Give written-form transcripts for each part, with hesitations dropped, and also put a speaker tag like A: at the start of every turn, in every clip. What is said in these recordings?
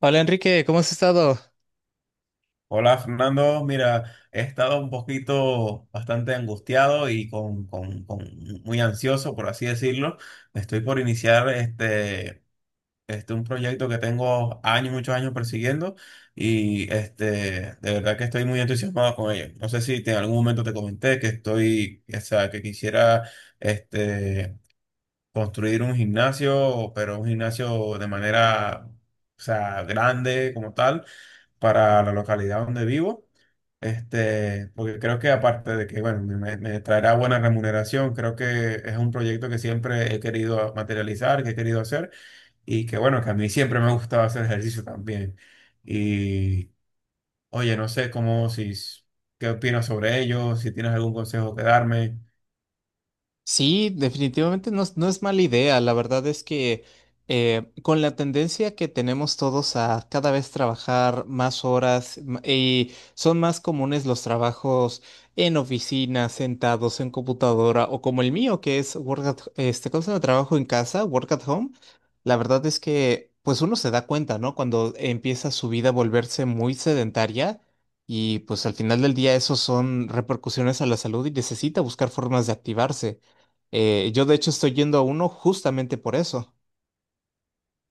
A: Hola Enrique, ¿cómo has estado?
B: Hola Fernando, mira, he estado un poquito bastante angustiado y con muy ansioso, por así decirlo. Estoy por iniciar un proyecto que tengo años, muchos años persiguiendo y de verdad que estoy muy entusiasmado con ello. No sé si en algún momento te comenté que estoy, o sea, que quisiera este, construir un gimnasio, pero un gimnasio de manera, o sea, grande como tal para la localidad donde vivo. Porque creo que aparte de que, bueno, me traerá buena remuneración, creo que es un proyecto que siempre he querido materializar, que he querido hacer y que, bueno, que a mí siempre me ha gustado hacer ejercicio también. Y, oye, no sé cómo, si, qué opinas sobre ello, si tienes algún consejo que darme.
A: Sí, definitivamente no, es no es mala idea. La verdad es que con la tendencia que tenemos todos a cada vez trabajar más horas y son más comunes los trabajos en oficina, sentados en computadora o como el mío que es work at, este, ¿cómo se llama? Trabajo en casa, work at home. La verdad es que pues uno se da cuenta, ¿no? Cuando empieza su vida a volverse muy sedentaria. Y pues al final del día eso son repercusiones a la salud y necesita buscar formas de activarse. Yo de hecho estoy yendo a uno justamente por eso.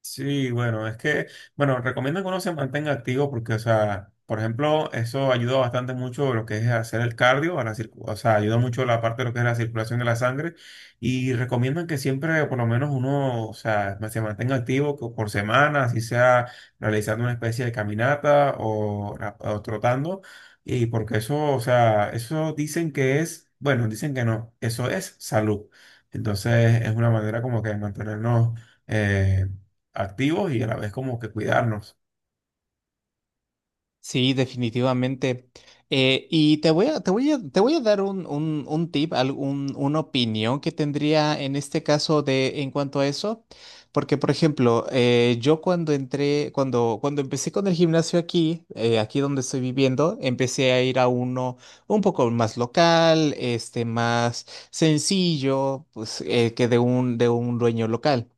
B: Sí, bueno, es que, bueno, recomiendo que uno se mantenga activo porque, o sea, por ejemplo, eso ayuda bastante mucho lo que es hacer el cardio, a la o sea, ayuda mucho la parte de lo que es la circulación de la sangre y recomiendan que siempre, por lo menos uno, o sea, se mantenga activo por semana, así sea realizando una especie de caminata o trotando y porque eso, o sea, eso dicen que es, bueno, dicen que no, eso es salud. Entonces, es una manera como que de mantenernos eh, activos y a la vez como que cuidarnos.
A: Sí, definitivamente. Y te voy a, te voy a, te voy a dar un tip, una opinión que tendría en este caso de en cuanto a eso. Porque, por ejemplo, yo cuando entré, cuando empecé con el gimnasio aquí, aquí donde estoy viviendo, empecé a ir a uno un poco más local, este, más sencillo, pues, que de un dueño local.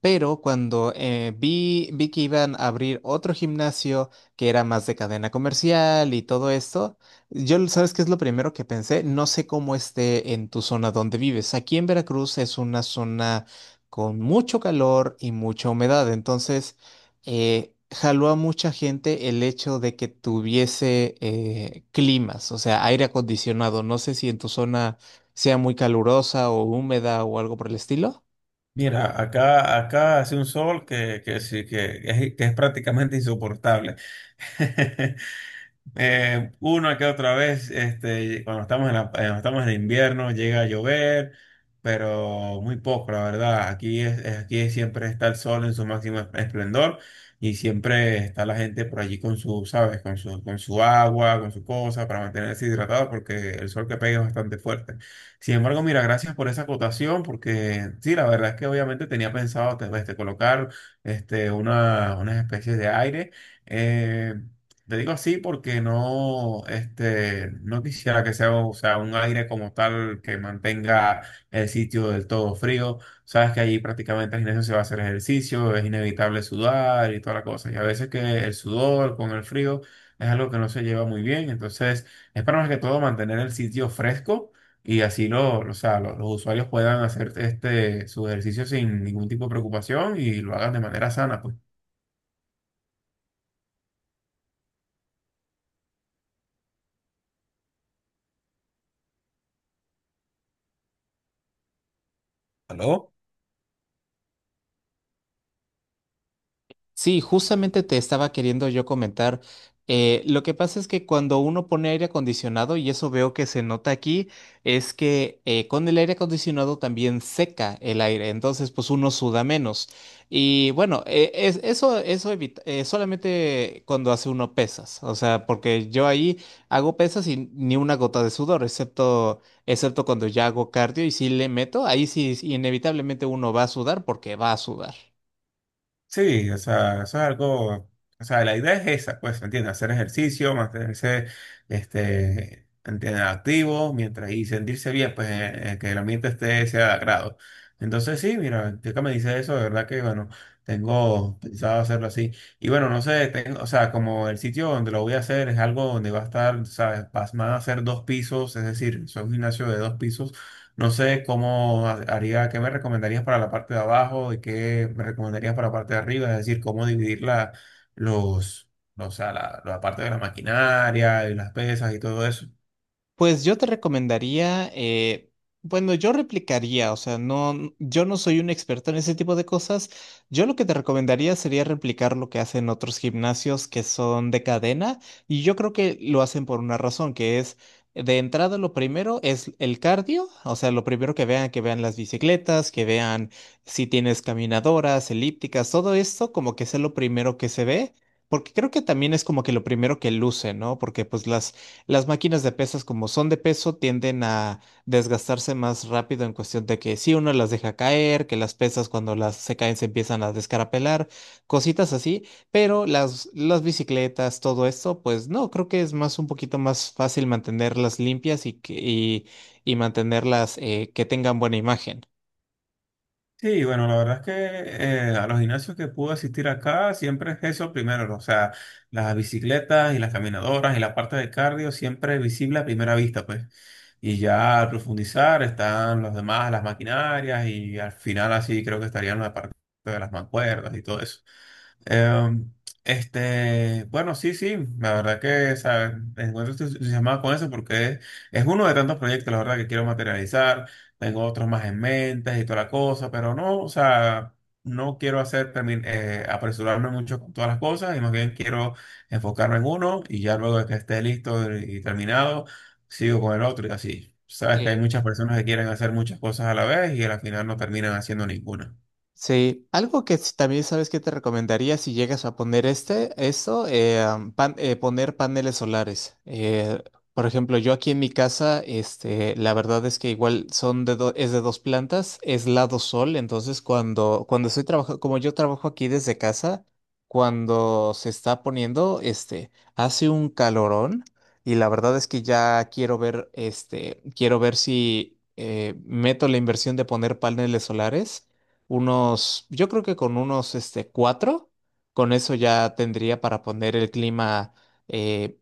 A: Pero cuando vi que iban a abrir otro gimnasio que era más de cadena comercial y todo esto, yo, ¿sabes qué es lo primero que pensé? No sé cómo esté en tu zona donde vives. Aquí en Veracruz es una zona con mucho calor y mucha humedad, entonces jaló a mucha gente el hecho de que tuviese climas, o sea, aire acondicionado. No sé si en tu zona sea muy calurosa o húmeda o algo por el estilo.
B: Mira, acá, acá hace un sol que sí, que es prácticamente insoportable. Una que otra vez, cuando estamos en cuando estamos en invierno, llega a llover, pero muy poco, la verdad. Aquí es, aquí siempre está el sol en su máximo esplendor y siempre está la gente por allí con su, sabes, con su agua, con su cosa para mantenerse hidratado porque el sol que pega es bastante fuerte. Sin embargo, mira, gracias por esa acotación porque sí, la verdad es que obviamente tenía pensado colocar unas especies de aire. Eh, te digo así porque no, no quisiera que sea, o sea, un aire como tal que mantenga el sitio del todo frío. Sabes que allí prácticamente al gimnasio se va a hacer ejercicio, es inevitable sudar y toda la cosa. Y a veces que el sudor con el frío es algo que no se lleva muy bien. Entonces, es para más que todo mantener el sitio fresco y así lo, o sea, los usuarios puedan hacer su ejercicio sin ningún tipo de preocupación y lo hagan de manera sana, pues. ¿Aló?
A: Sí, justamente te estaba queriendo yo comentar. Lo que pasa es que cuando uno pone aire acondicionado, y eso veo que se nota aquí, es que con el aire acondicionado también seca el aire, entonces pues uno suda menos. Y bueno, eso evita, solamente cuando hace uno pesas, o sea, porque yo ahí hago pesas y ni una gota de sudor, excepto cuando ya hago cardio y si le meto, ahí sí inevitablemente uno va a sudar porque va a sudar.
B: Sí, o sea, eso es algo, o sea, la idea es esa, pues, ¿me entiendes? Hacer ejercicio, mantenerse, ¿entiendes? Activo, mientras y sentirse bien, pues, que el ambiente esté, sea de agrado. Entonces, sí, mira, ya que me dice eso, de verdad que, bueno, tengo pensado hacerlo así. Y bueno, no sé, tengo, o sea, como el sitio donde lo voy a hacer es algo donde va a estar, ¿sabes? Van a ser 2 pisos, es decir, es un gimnasio de 2 pisos. No sé cómo haría, qué me recomendarías para la parte de abajo, de qué me recomendarías para la parte de arriba, es decir, cómo dividir los, o sea, la parte de la maquinaria y las pesas y todo eso.
A: Pues yo te recomendaría, bueno, yo replicaría, o sea, yo no soy un experto en ese tipo de cosas. Yo lo que te recomendaría sería replicar lo que hacen otros gimnasios que son de cadena, y yo creo que lo hacen por una razón, que es de entrada lo primero es el cardio, o sea, lo primero que vean las bicicletas, que vean si tienes caminadoras, elípticas, todo esto como que es lo primero que se ve. Porque creo que también es como que lo primero que luce, ¿no? Porque pues las máquinas de pesas, como son de peso, tienden a desgastarse más rápido en cuestión de que si uno las deja caer, que las pesas cuando las se caen se empiezan a descarapelar, cositas así, pero las bicicletas, todo esto, pues no, creo que es más un poquito más fácil mantenerlas limpias y mantenerlas que tengan buena imagen.
B: Sí, bueno, la verdad es que a los gimnasios que pude asistir acá siempre es eso primero, ¿no? O sea, las bicicletas y las caminadoras y la parte de cardio siempre es visible a primera vista, pues. Y ya al profundizar están los demás, las maquinarias y al final así creo que estarían la parte de las mancuerdas y todo eso. Em, bueno, sí, sí, la verdad que, ¿sabes? Me encuentro entusiasmado con eso porque es uno de tantos proyectos, la verdad, que quiero materializar. Tengo otros más en mente y toda la cosa, pero no, o sea, no quiero hacer, apresurarme mucho con todas las cosas y más bien quiero enfocarme en uno y ya luego de que esté listo y terminado, sigo con el otro y así. Sabes que hay
A: Sí,
B: muchas personas que quieren hacer muchas cosas a la vez y al final no terminan haciendo ninguna.
A: sí, algo que también sabes que te recomendaría si llegas a poner este, esto, poner paneles solares. Por ejemplo, yo aquí en mi casa, este, la verdad es que igual son es de 2 plantas, es lado sol, entonces cuando estoy trabajando, como yo trabajo aquí desde casa, cuando se está poniendo, este, hace un calorón y la verdad es que ya quiero ver, este, quiero ver si meto la inversión de poner paneles solares unos, yo creo que con unos este, 4, con eso ya tendría para poner el clima, eh,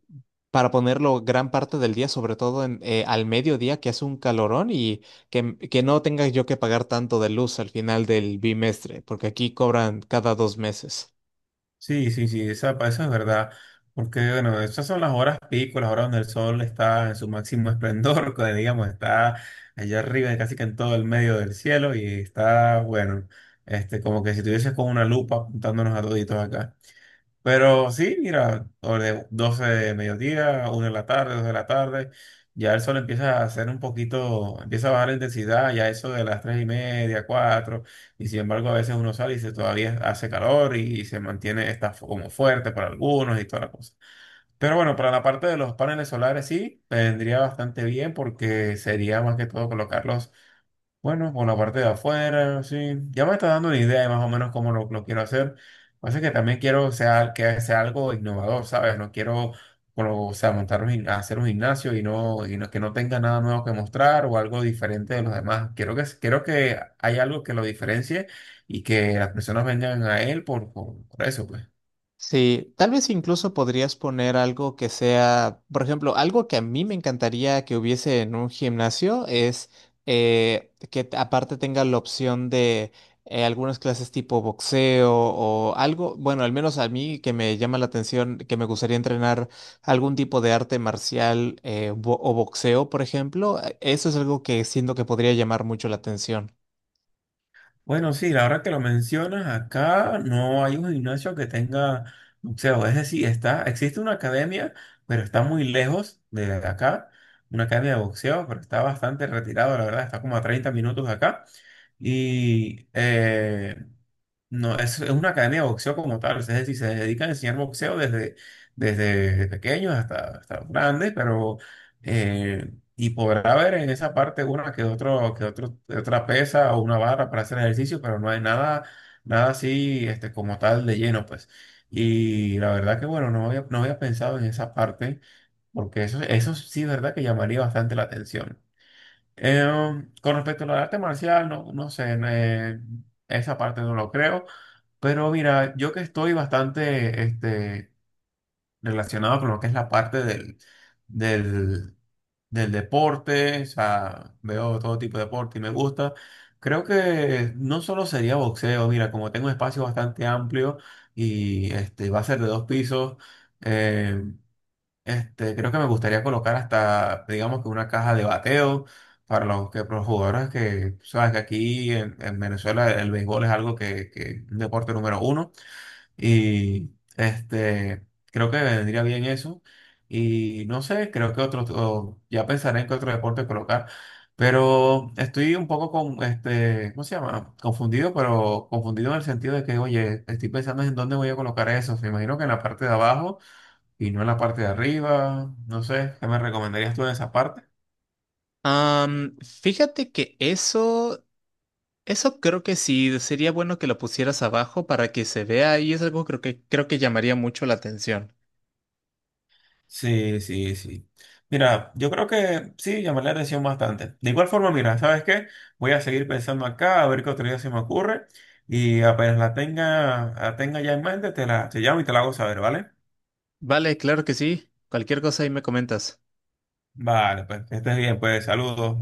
A: para ponerlo gran parte del día, sobre todo en, al mediodía, que hace un calorón y que no tenga yo que pagar tanto de luz al final del bimestre, porque aquí cobran cada 2 meses.
B: Sí, sí, sí, eso es verdad, porque bueno, esas son las horas pico, las horas donde el sol está en su máximo esplendor, que digamos, está allá arriba, casi que en todo el medio del cielo, y está, bueno, como que si tuvieses con una lupa apuntándonos a toditos acá. Pero sí, mira, o de 12 de mediodía, 1 de la tarde, 2 de la tarde, ya el sol empieza a hacer un poquito, empieza a bajar la intensidad, ya eso de las 3:30, cuatro, y sin embargo a veces uno sale y se, todavía hace calor y, se mantiene, está como fuerte para algunos y toda la cosa. Pero bueno, para la parte de los paneles solares sí, vendría bastante bien porque sería más que todo colocarlos, bueno, por la parte de afuera, sí. Ya me está dando una idea de más o menos cómo lo quiero hacer. Así que también quiero que sea algo innovador, ¿sabes? No quiero, bueno, o sea, hacer un gimnasio y no que no tenga nada nuevo que mostrar o algo diferente de los demás. Quiero que haya algo que lo diferencie y que las personas vengan a él por eso, pues.
A: Sí, tal vez incluso podrías poner algo que sea, por ejemplo, algo que a mí me encantaría que hubiese en un gimnasio es que aparte tenga la opción de algunas clases tipo boxeo o algo, bueno, al menos a mí que me llama la atención, que me gustaría entrenar algún tipo de arte marcial o boxeo, por ejemplo, eso es algo que siento que podría llamar mucho la atención.
B: Bueno, sí, la hora que lo mencionas, acá no hay un gimnasio que tenga boxeo. Es decir, existe una academia, pero está muy lejos de acá. Una academia de boxeo, pero está bastante retirado, la verdad, está como a 30 minutos de acá. Y no, es una academia de boxeo como tal, es decir, se dedican a enseñar boxeo desde pequeños hasta grandes, pero y podrá haber en esa parte una que otra pesa o una barra para hacer ejercicio, pero no hay nada así como tal de lleno, pues. Y la verdad que bueno, no había pensado en esa parte, porque eso sí, verdad que llamaría bastante la atención. Eh, con respecto al arte marcial, no, no sé, esa parte no lo creo. Pero mira, yo que estoy bastante relacionado con lo que es la parte del, del deporte, o sea, veo todo tipo de deporte y me gusta, creo que no solo sería boxeo, mira, como tengo un espacio bastante amplio y va a ser de 2 pisos, eh, creo que me gustaría colocar hasta, digamos que una caja de bateo para para los jugadores que, sabes que aquí en Venezuela el béisbol es algo que es un deporte número uno. Y creo que vendría bien eso. Y no sé, creo que otro, o ya pensaré en qué otro deporte colocar. Pero estoy un poco con, ¿cómo se llama? Confundido, pero confundido en el sentido de que, oye, estoy pensando en dónde voy a colocar eso. Me imagino que en la parte de abajo y no en la parte de arriba. No sé, ¿qué me recomendarías tú en esa parte?
A: Fíjate que eso creo que sí, sería bueno que lo pusieras abajo para que se vea y es algo creo que llamaría mucho la atención.
B: Sí, sí, sí. Mira, yo creo que sí, llamar la atención bastante. De igual forma, mira, ¿sabes qué? Voy a seguir pensando acá, a ver qué otro día se me ocurre. Y apenas la tenga ya en mente, te llamo y te la hago saber, ¿vale?
A: Vale, claro que sí. Cualquier cosa ahí me comentas.
B: Vale, pues que estés bien, pues saludos.